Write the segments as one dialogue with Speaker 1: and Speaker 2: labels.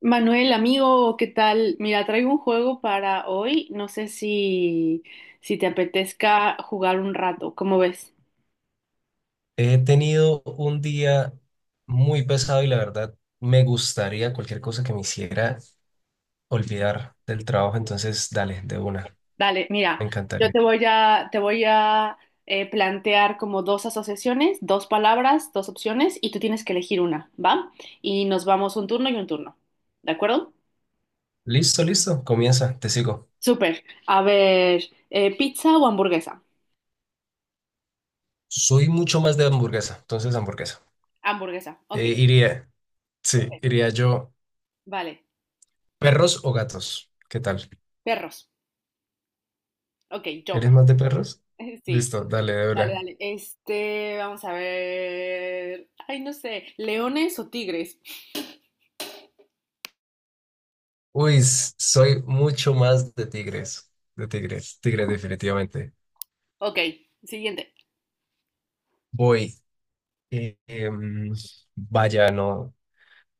Speaker 1: Manuel, amigo, ¿qué tal? Mira, traigo un juego para hoy. No sé si te apetezca jugar un rato. ¿Cómo ves?
Speaker 2: He tenido un día muy pesado y la verdad me gustaría cualquier cosa que me hiciera olvidar del trabajo. Entonces, dale, de una.
Speaker 1: Dale, mira,
Speaker 2: Me
Speaker 1: yo
Speaker 2: encantaría.
Speaker 1: te voy a plantear como dos asociaciones, dos palabras, dos opciones, y tú tienes que elegir una, ¿va? Y nos vamos un turno y un turno. ¿De acuerdo?
Speaker 2: Listo, listo. Comienza, te sigo.
Speaker 1: Súper. A ver, ¿pizza o hamburguesa?
Speaker 2: Soy mucho más de hamburguesa. Entonces, hamburguesa.
Speaker 1: Hamburguesa, ok.
Speaker 2: Iría, sí,
Speaker 1: Ok.
Speaker 2: iría yo.
Speaker 1: Vale.
Speaker 2: ¿Perros o gatos? ¿Qué tal?
Speaker 1: Perros. Ok, yo.
Speaker 2: ¿Eres más de perros?
Speaker 1: Sí,
Speaker 2: Listo, dale, de
Speaker 1: dale,
Speaker 2: una.
Speaker 1: dale. Este, vamos a ver. Ay, no sé, ¿leones o tigres?
Speaker 2: Uy, soy mucho más de tigres. De tigres, tigres, definitivamente.
Speaker 1: Ok, siguiente.
Speaker 2: Voy. Eh, em, vaya, no,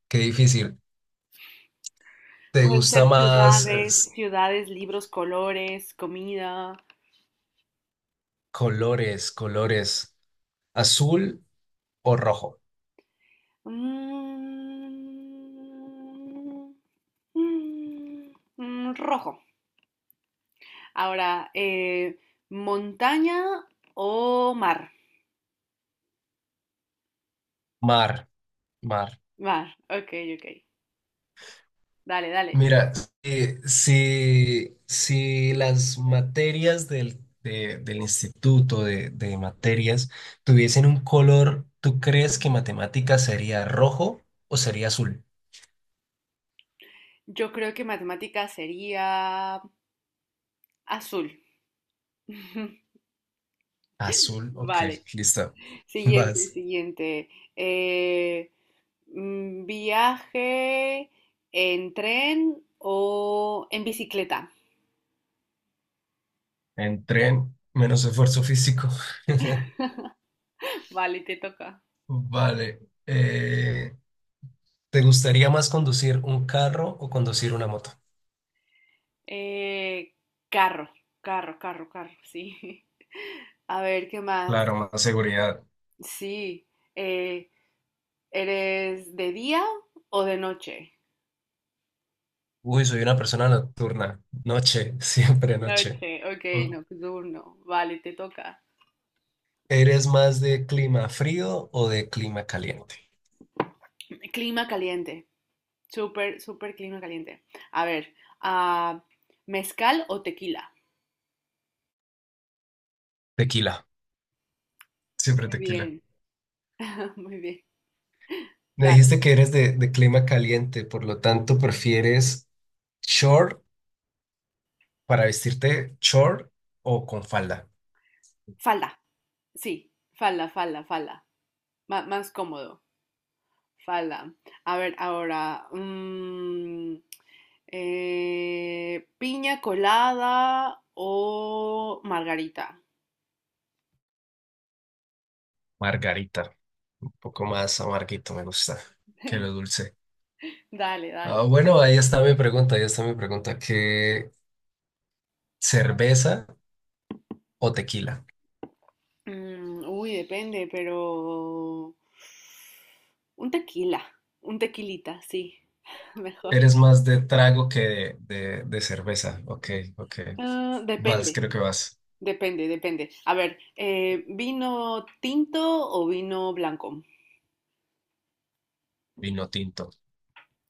Speaker 2: qué difícil. ¿Te
Speaker 1: Pueden
Speaker 2: gusta
Speaker 1: ser
Speaker 2: más
Speaker 1: ciudades, ciudades, libros, colores, comida.
Speaker 2: colores, colores, azul o rojo?
Speaker 1: Mm, mm, rojo. Ahora, montaña o mar.
Speaker 2: Mar, mar.
Speaker 1: Mar, ok, ok. Dale, dale.
Speaker 2: Mira, si las materias del instituto de materias tuviesen un color, ¿tú crees que matemáticas sería rojo o sería azul?
Speaker 1: Yo creo que matemática sería azul.
Speaker 2: Azul, ok,
Speaker 1: Vale.
Speaker 2: listo.
Speaker 1: Siguiente,
Speaker 2: Vas.
Speaker 1: siguiente. Eh, viaje en tren o en bicicleta.
Speaker 2: En tren, menos esfuerzo físico.
Speaker 1: Vale, te toca.
Speaker 2: Vale. eh, ¿te gustaría más conducir un carro o conducir una moto?
Speaker 1: Eh, carro, carro, carro, carro, sí. A ver, ¿qué más?
Speaker 2: Claro, más seguridad.
Speaker 1: Sí. eh, ¿Eres de día o de noche?
Speaker 2: Uy, soy una persona nocturna. Noche, siempre noche.
Speaker 1: Noche, ok,
Speaker 2: O-
Speaker 1: nocturno. Vale, te toca.
Speaker 2: ¿Eres más de clima frío o de clima caliente?
Speaker 1: Clima caliente. Súper, súper clima caliente. A ver, ah, ¿mezcal o tequila?
Speaker 2: Tequila. Siempre
Speaker 1: Muy
Speaker 2: tequila.
Speaker 1: bien, muy bien.
Speaker 2: Me
Speaker 1: Dale.
Speaker 2: dijiste que eres de clima caliente, por lo tanto, ¿prefieres short para vestirte short o con falda?
Speaker 1: Falda. Sí, falda, falda, falda. Má- más cómodo. Falda. A ver, ahora. ¿Piña colada o margarita?
Speaker 2: Margarita. Un poco más amarguito, me gusta que lo dulce.
Speaker 1: Dale, dale.
Speaker 2: Ah, bueno, ahí está mi pregunta, ahí está mi pregunta. ¿Qué cerveza o tequila?
Speaker 1: Mm, uy, depende, pero... Un tequila. Un tequilita, sí. Mejor.
Speaker 2: Eres más de trago que de cerveza. Ok, ok.
Speaker 1: Ah,
Speaker 2: Vas,
Speaker 1: depende.
Speaker 2: creo que vas.
Speaker 1: Depende, depende. A ver, ¿vino tinto o vino blanco?
Speaker 2: Vino tinto,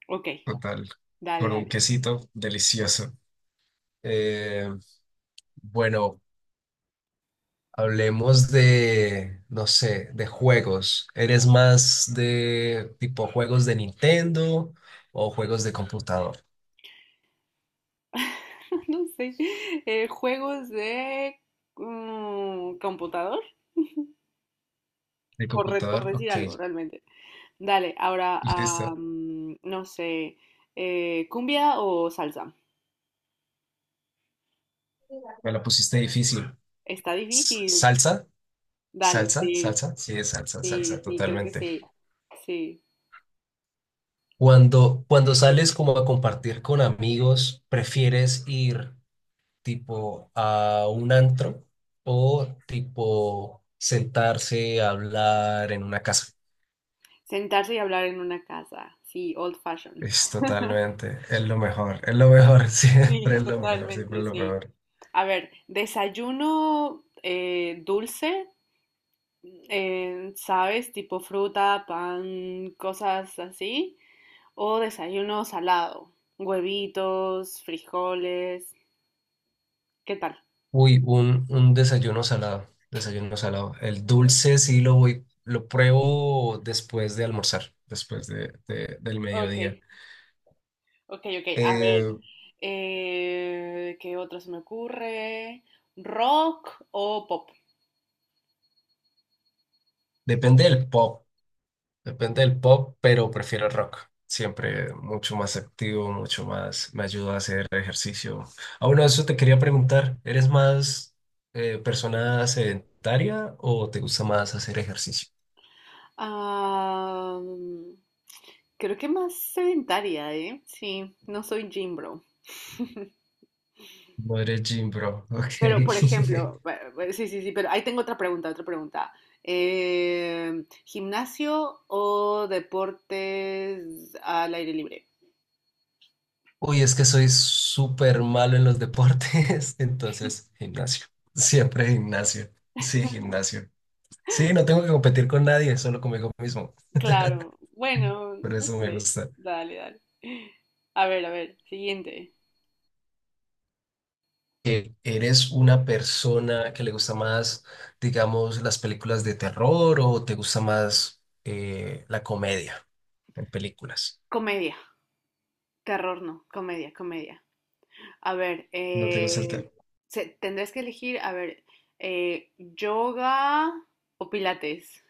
Speaker 1: Ok,
Speaker 2: total.
Speaker 1: dale,
Speaker 2: Con un
Speaker 1: dale.
Speaker 2: quesito delicioso. Eh, bueno, hablemos de, no sé, de juegos. ¿Eres más de tipo juegos de Nintendo o juegos de computador?
Speaker 1: No sé. ¿Juegos de computador?
Speaker 2: De
Speaker 1: Por, re- por
Speaker 2: computador,
Speaker 1: decir
Speaker 2: ok.
Speaker 1: algo, realmente. Dale, ahora, ah,
Speaker 2: Listo.
Speaker 1: no sé. ¿Cumbia o salsa?
Speaker 2: Me la pusiste difícil.
Speaker 1: Está difícil.
Speaker 2: Salsa,
Speaker 1: Dale,
Speaker 2: salsa,
Speaker 1: sí,
Speaker 2: salsa, sí, es salsa,
Speaker 1: sí,
Speaker 2: salsa,
Speaker 1: sí, creo que
Speaker 2: totalmente.
Speaker 1: sí. Sí.
Speaker 2: Cuando sales como a compartir con amigos, ¿prefieres ir tipo a un antro o tipo sentarse a hablar en una casa?
Speaker 1: Sentarse y hablar en una casa. Sí, old fashion.
Speaker 2: Es totalmente, es lo mejor, siempre
Speaker 1: Sí,
Speaker 2: es lo mejor, siempre
Speaker 1: totalmente,
Speaker 2: es lo
Speaker 1: sí.
Speaker 2: mejor.
Speaker 1: A ver, desayuno dulce, ¿sabes? Tipo fruta, pan, cosas así. O desayuno salado, huevitos, frijoles. ¿Qué tal?
Speaker 2: Uy, un desayuno salado, desayuno salado. El dulce sí lo voy, lo pruebo después de almorzar, después del
Speaker 1: Ok,
Speaker 2: mediodía.
Speaker 1: ok, ok. A
Speaker 2: Eh,
Speaker 1: ver, ¿qué otro se me ocurre? ¿Rock o pop?
Speaker 2: depende del pop, depende del pop, pero prefiero el rock. Siempre mucho más activo, mucho más, me ayuda a hacer ejercicio. Ah, bueno, eso te quería preguntar, ¿eres más persona sedentaria o te gusta más hacer ejercicio?
Speaker 1: Ah, mm, creo que más sedentaria, ¿eh? Sí, no soy gym bro.
Speaker 2: No eres gym, bro. Ok.
Speaker 1: Pero, por ejemplo, bu- bu- sí, sí, sí, pero ahí tengo otra pregunta, otra pregunta. ¿Gimnasio o deportes al aire libre?
Speaker 2: Uy, es que soy súper malo en los deportes, entonces gimnasio. Siempre gimnasio. Sí, gimnasio. Sí, no tengo que competir con nadie, solo conmigo mismo.
Speaker 1: Claro, bueno,
Speaker 2: Por
Speaker 1: no
Speaker 2: eso me
Speaker 1: sé.
Speaker 2: gusta.
Speaker 1: Dale, dale. A ver, siguiente.
Speaker 2: ¿Eres una persona que le gusta más, digamos, las películas de terror o te gusta más la comedia en películas?
Speaker 1: Comedia, terror no, comedia, comedia. A ver,
Speaker 2: No te gusta el terror.
Speaker 1: se- tendrás que elegir, a ver, ¿yoga o pilates?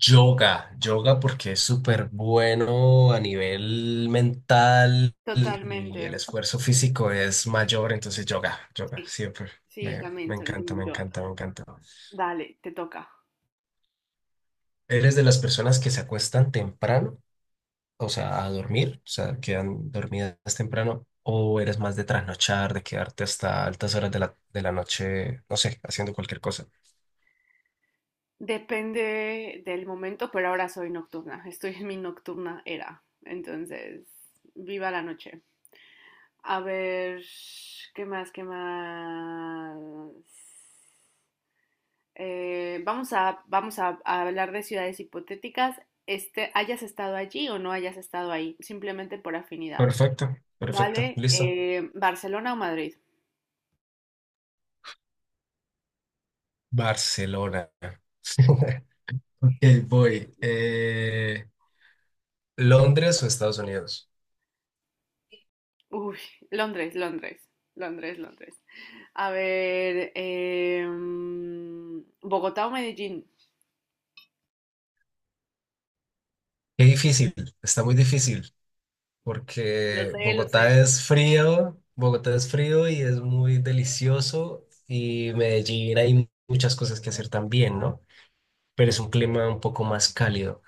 Speaker 2: Yoga, yoga porque es súper bueno a nivel mental
Speaker 1: Totalmente.
Speaker 2: y el esfuerzo físico es mayor, entonces yoga, yoga,
Speaker 1: Sí,
Speaker 2: siempre.
Speaker 1: sí,
Speaker 2: Me
Speaker 1: también soy
Speaker 2: encanta, me
Speaker 1: team yoga.
Speaker 2: encanta, me encanta.
Speaker 1: Dale, te toca.
Speaker 2: ¿Eres de las personas que se acuestan temprano, o sea, a dormir, o sea, quedan dormidas temprano, o eres más de trasnochar, de quedarte hasta altas horas de de la noche, no sé, haciendo cualquier cosa?
Speaker 1: Depende del momento, pero ahora soy nocturna. Estoy en mi nocturna era. Entonces, viva la noche. A ver, ¿qué más? ¿Qué más? Vamos a hablar de ciudades hipotéticas, este, hayas estado allí o no hayas estado ahí, simplemente por afinidad.
Speaker 2: Perfecto, perfecto,
Speaker 1: Vale,
Speaker 2: listo.
Speaker 1: ¿Barcelona o Madrid?
Speaker 2: Barcelona. Ok,
Speaker 1: Sí.
Speaker 2: voy. ¿Londres o Estados Unidos?
Speaker 1: Uy, Londres, Londres, Londres, Londres. A ver, em, ¿Bogotá o Medellín?
Speaker 2: Qué difícil, está muy difícil,
Speaker 1: Lo
Speaker 2: porque
Speaker 1: sé, lo sé.
Speaker 2: Bogotá es frío y es muy delicioso, y Medellín hay muchas cosas que hacer también, ¿no? Pero es un clima un poco más cálido.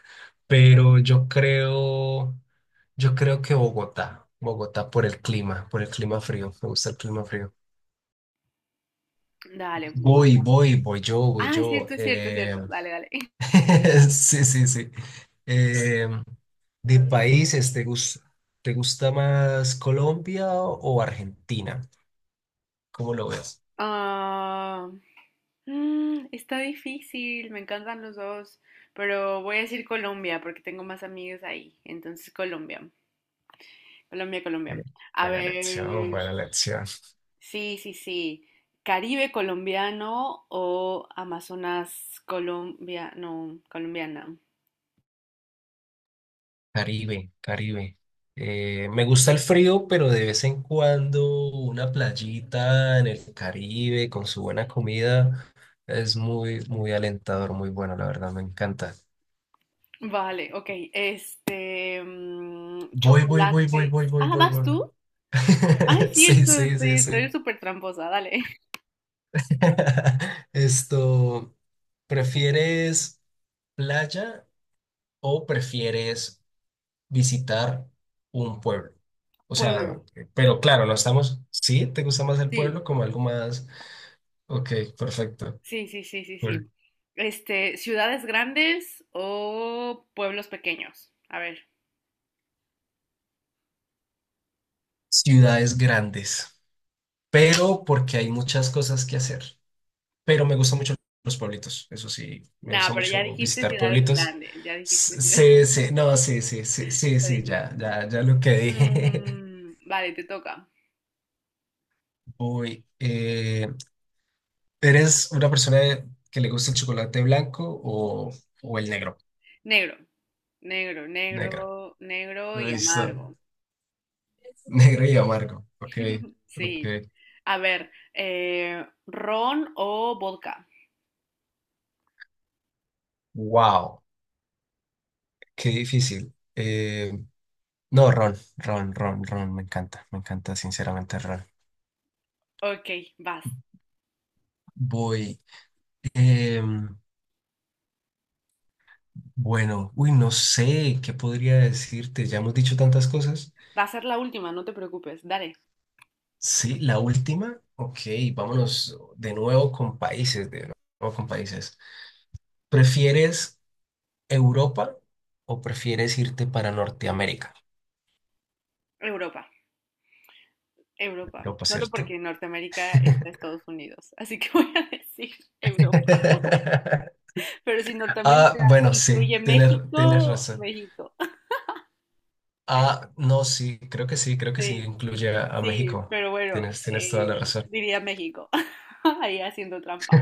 Speaker 2: Pero yo creo que Bogotá, Bogotá por el clima frío, me gusta el clima frío.
Speaker 1: Dale,
Speaker 2: Voy,
Speaker 1: Bogotá.
Speaker 2: voy, voy yo, voy
Speaker 1: Ah, es
Speaker 2: yo.
Speaker 1: cierto, es cierto, es cierto. Dale, dale.
Speaker 2: Sí, sí, sí. Em, de países, ¿te gusta más Colombia o Argentina? ¿Cómo lo ves?
Speaker 1: Ah, mm, está difícil, me encantan los dos, pero voy a decir Colombia porque tengo más amigos ahí. Entonces, Colombia, Colombia, Colombia.
Speaker 2: Eh,
Speaker 1: A
Speaker 2: Buena elección,
Speaker 1: ver,
Speaker 2: buena elección.
Speaker 1: sí, sí, sí. ¿Caribe colombiano o Amazonas colombiano, colombiana?
Speaker 2: Caribe, Caribe. Me gusta el frío, pero de vez en cuando una playita en el Caribe con su buena comida es muy, muy alentador, muy bueno, la verdad, me encanta.
Speaker 1: Vale, ok. Este, mm,
Speaker 2: Voy, voy, voy, voy,
Speaker 1: chocolate.
Speaker 2: voy, voy,
Speaker 1: Ah,
Speaker 2: voy,
Speaker 1: ¿vas
Speaker 2: voy.
Speaker 1: tú? Ay,
Speaker 2: Sí,
Speaker 1: cierto,
Speaker 2: sí,
Speaker 1: sí,
Speaker 2: sí,
Speaker 1: estoy
Speaker 2: sí.
Speaker 1: súper tramposa, dale.
Speaker 2: Esto, ¿prefieres playa o prefieres visitar un pueblo? O sea,
Speaker 1: Pueblo.
Speaker 2: pero claro, no estamos, sí, ¿te gusta más el
Speaker 1: Sí.
Speaker 2: pueblo como algo más? Ok, perfecto.
Speaker 1: Sí, sí, sí, sí,
Speaker 2: Cool.
Speaker 1: sí. Este, ¿ciudades grandes o pueblos pequeños? A ver.
Speaker 2: Ciudades grandes, pero porque hay muchas cosas que hacer. Pero me gustan mucho los pueblitos, eso sí, me
Speaker 1: No,
Speaker 2: gusta
Speaker 1: pero ya
Speaker 2: mucho
Speaker 1: dijiste
Speaker 2: visitar
Speaker 1: ciudades
Speaker 2: pueblitos.
Speaker 1: grandes, ya dijiste ciudades.
Speaker 2: Sí, sí, no, sí, sí, sí, sí,
Speaker 1: Ya
Speaker 2: sí, ya,
Speaker 1: dijiste.
Speaker 2: ya, ya lo que dije.
Speaker 1: Mm, vale, te toca.
Speaker 2: Uy, ¿eres una persona que le gusta el chocolate blanco o el negro?
Speaker 1: Negro, negro,
Speaker 2: Negro.
Speaker 1: negro, negro y
Speaker 2: Listo.
Speaker 1: amargo.
Speaker 2: Negro y amargo. Ok, ok.
Speaker 1: Sí. A ver, ¿ron o vodka?
Speaker 2: Wow, qué difícil. No, ron, ron, ron, ron. Me encanta sinceramente el ron.
Speaker 1: Ok, vas.
Speaker 2: Voy. em, bueno, uy, no sé qué podría decirte. Ya hemos dicho tantas cosas.
Speaker 1: Va a ser la última, no te preocupes. Dale.
Speaker 2: Sí, la última. Ok, vámonos de nuevo con países, de nuevo con países. ¿Prefieres Europa o prefieres irte para Norteamérica?
Speaker 1: Europa, Europa.
Speaker 2: Europa,
Speaker 1: Solo
Speaker 2: ¿cierto?
Speaker 1: porque en Norteamérica está Estados Unidos. Así que voy a decir Europa. Pero si
Speaker 2: Ah,
Speaker 1: Norteamérica
Speaker 2: bueno, sí,
Speaker 1: incluye
Speaker 2: tienes, tienes
Speaker 1: México,
Speaker 2: razón.
Speaker 1: México.
Speaker 2: Ah, no, sí, creo que sí, creo que sí
Speaker 1: Sí,
Speaker 2: incluye a
Speaker 1: sí,
Speaker 2: México.
Speaker 1: pero bueno,
Speaker 2: Tienes, tienes toda la razón.
Speaker 1: diría México. Ahí haciendo trampa.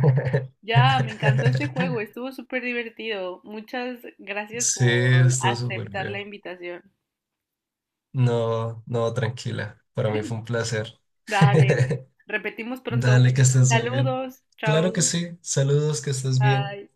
Speaker 1: Ya, me encantó este juego, estuvo súper divertido. Muchas gracias
Speaker 2: Sí,
Speaker 1: por
Speaker 2: está súper
Speaker 1: aceptar la
Speaker 2: bien.
Speaker 1: invitación.
Speaker 2: No, no, tranquila. Para mí fue un placer.
Speaker 1: Dale, repetimos pronto.
Speaker 2: Dale, que estés muy bien.
Speaker 1: Saludos,
Speaker 2: Claro que
Speaker 1: chao,
Speaker 2: sí. Saludos, que estés bien.
Speaker 1: bye.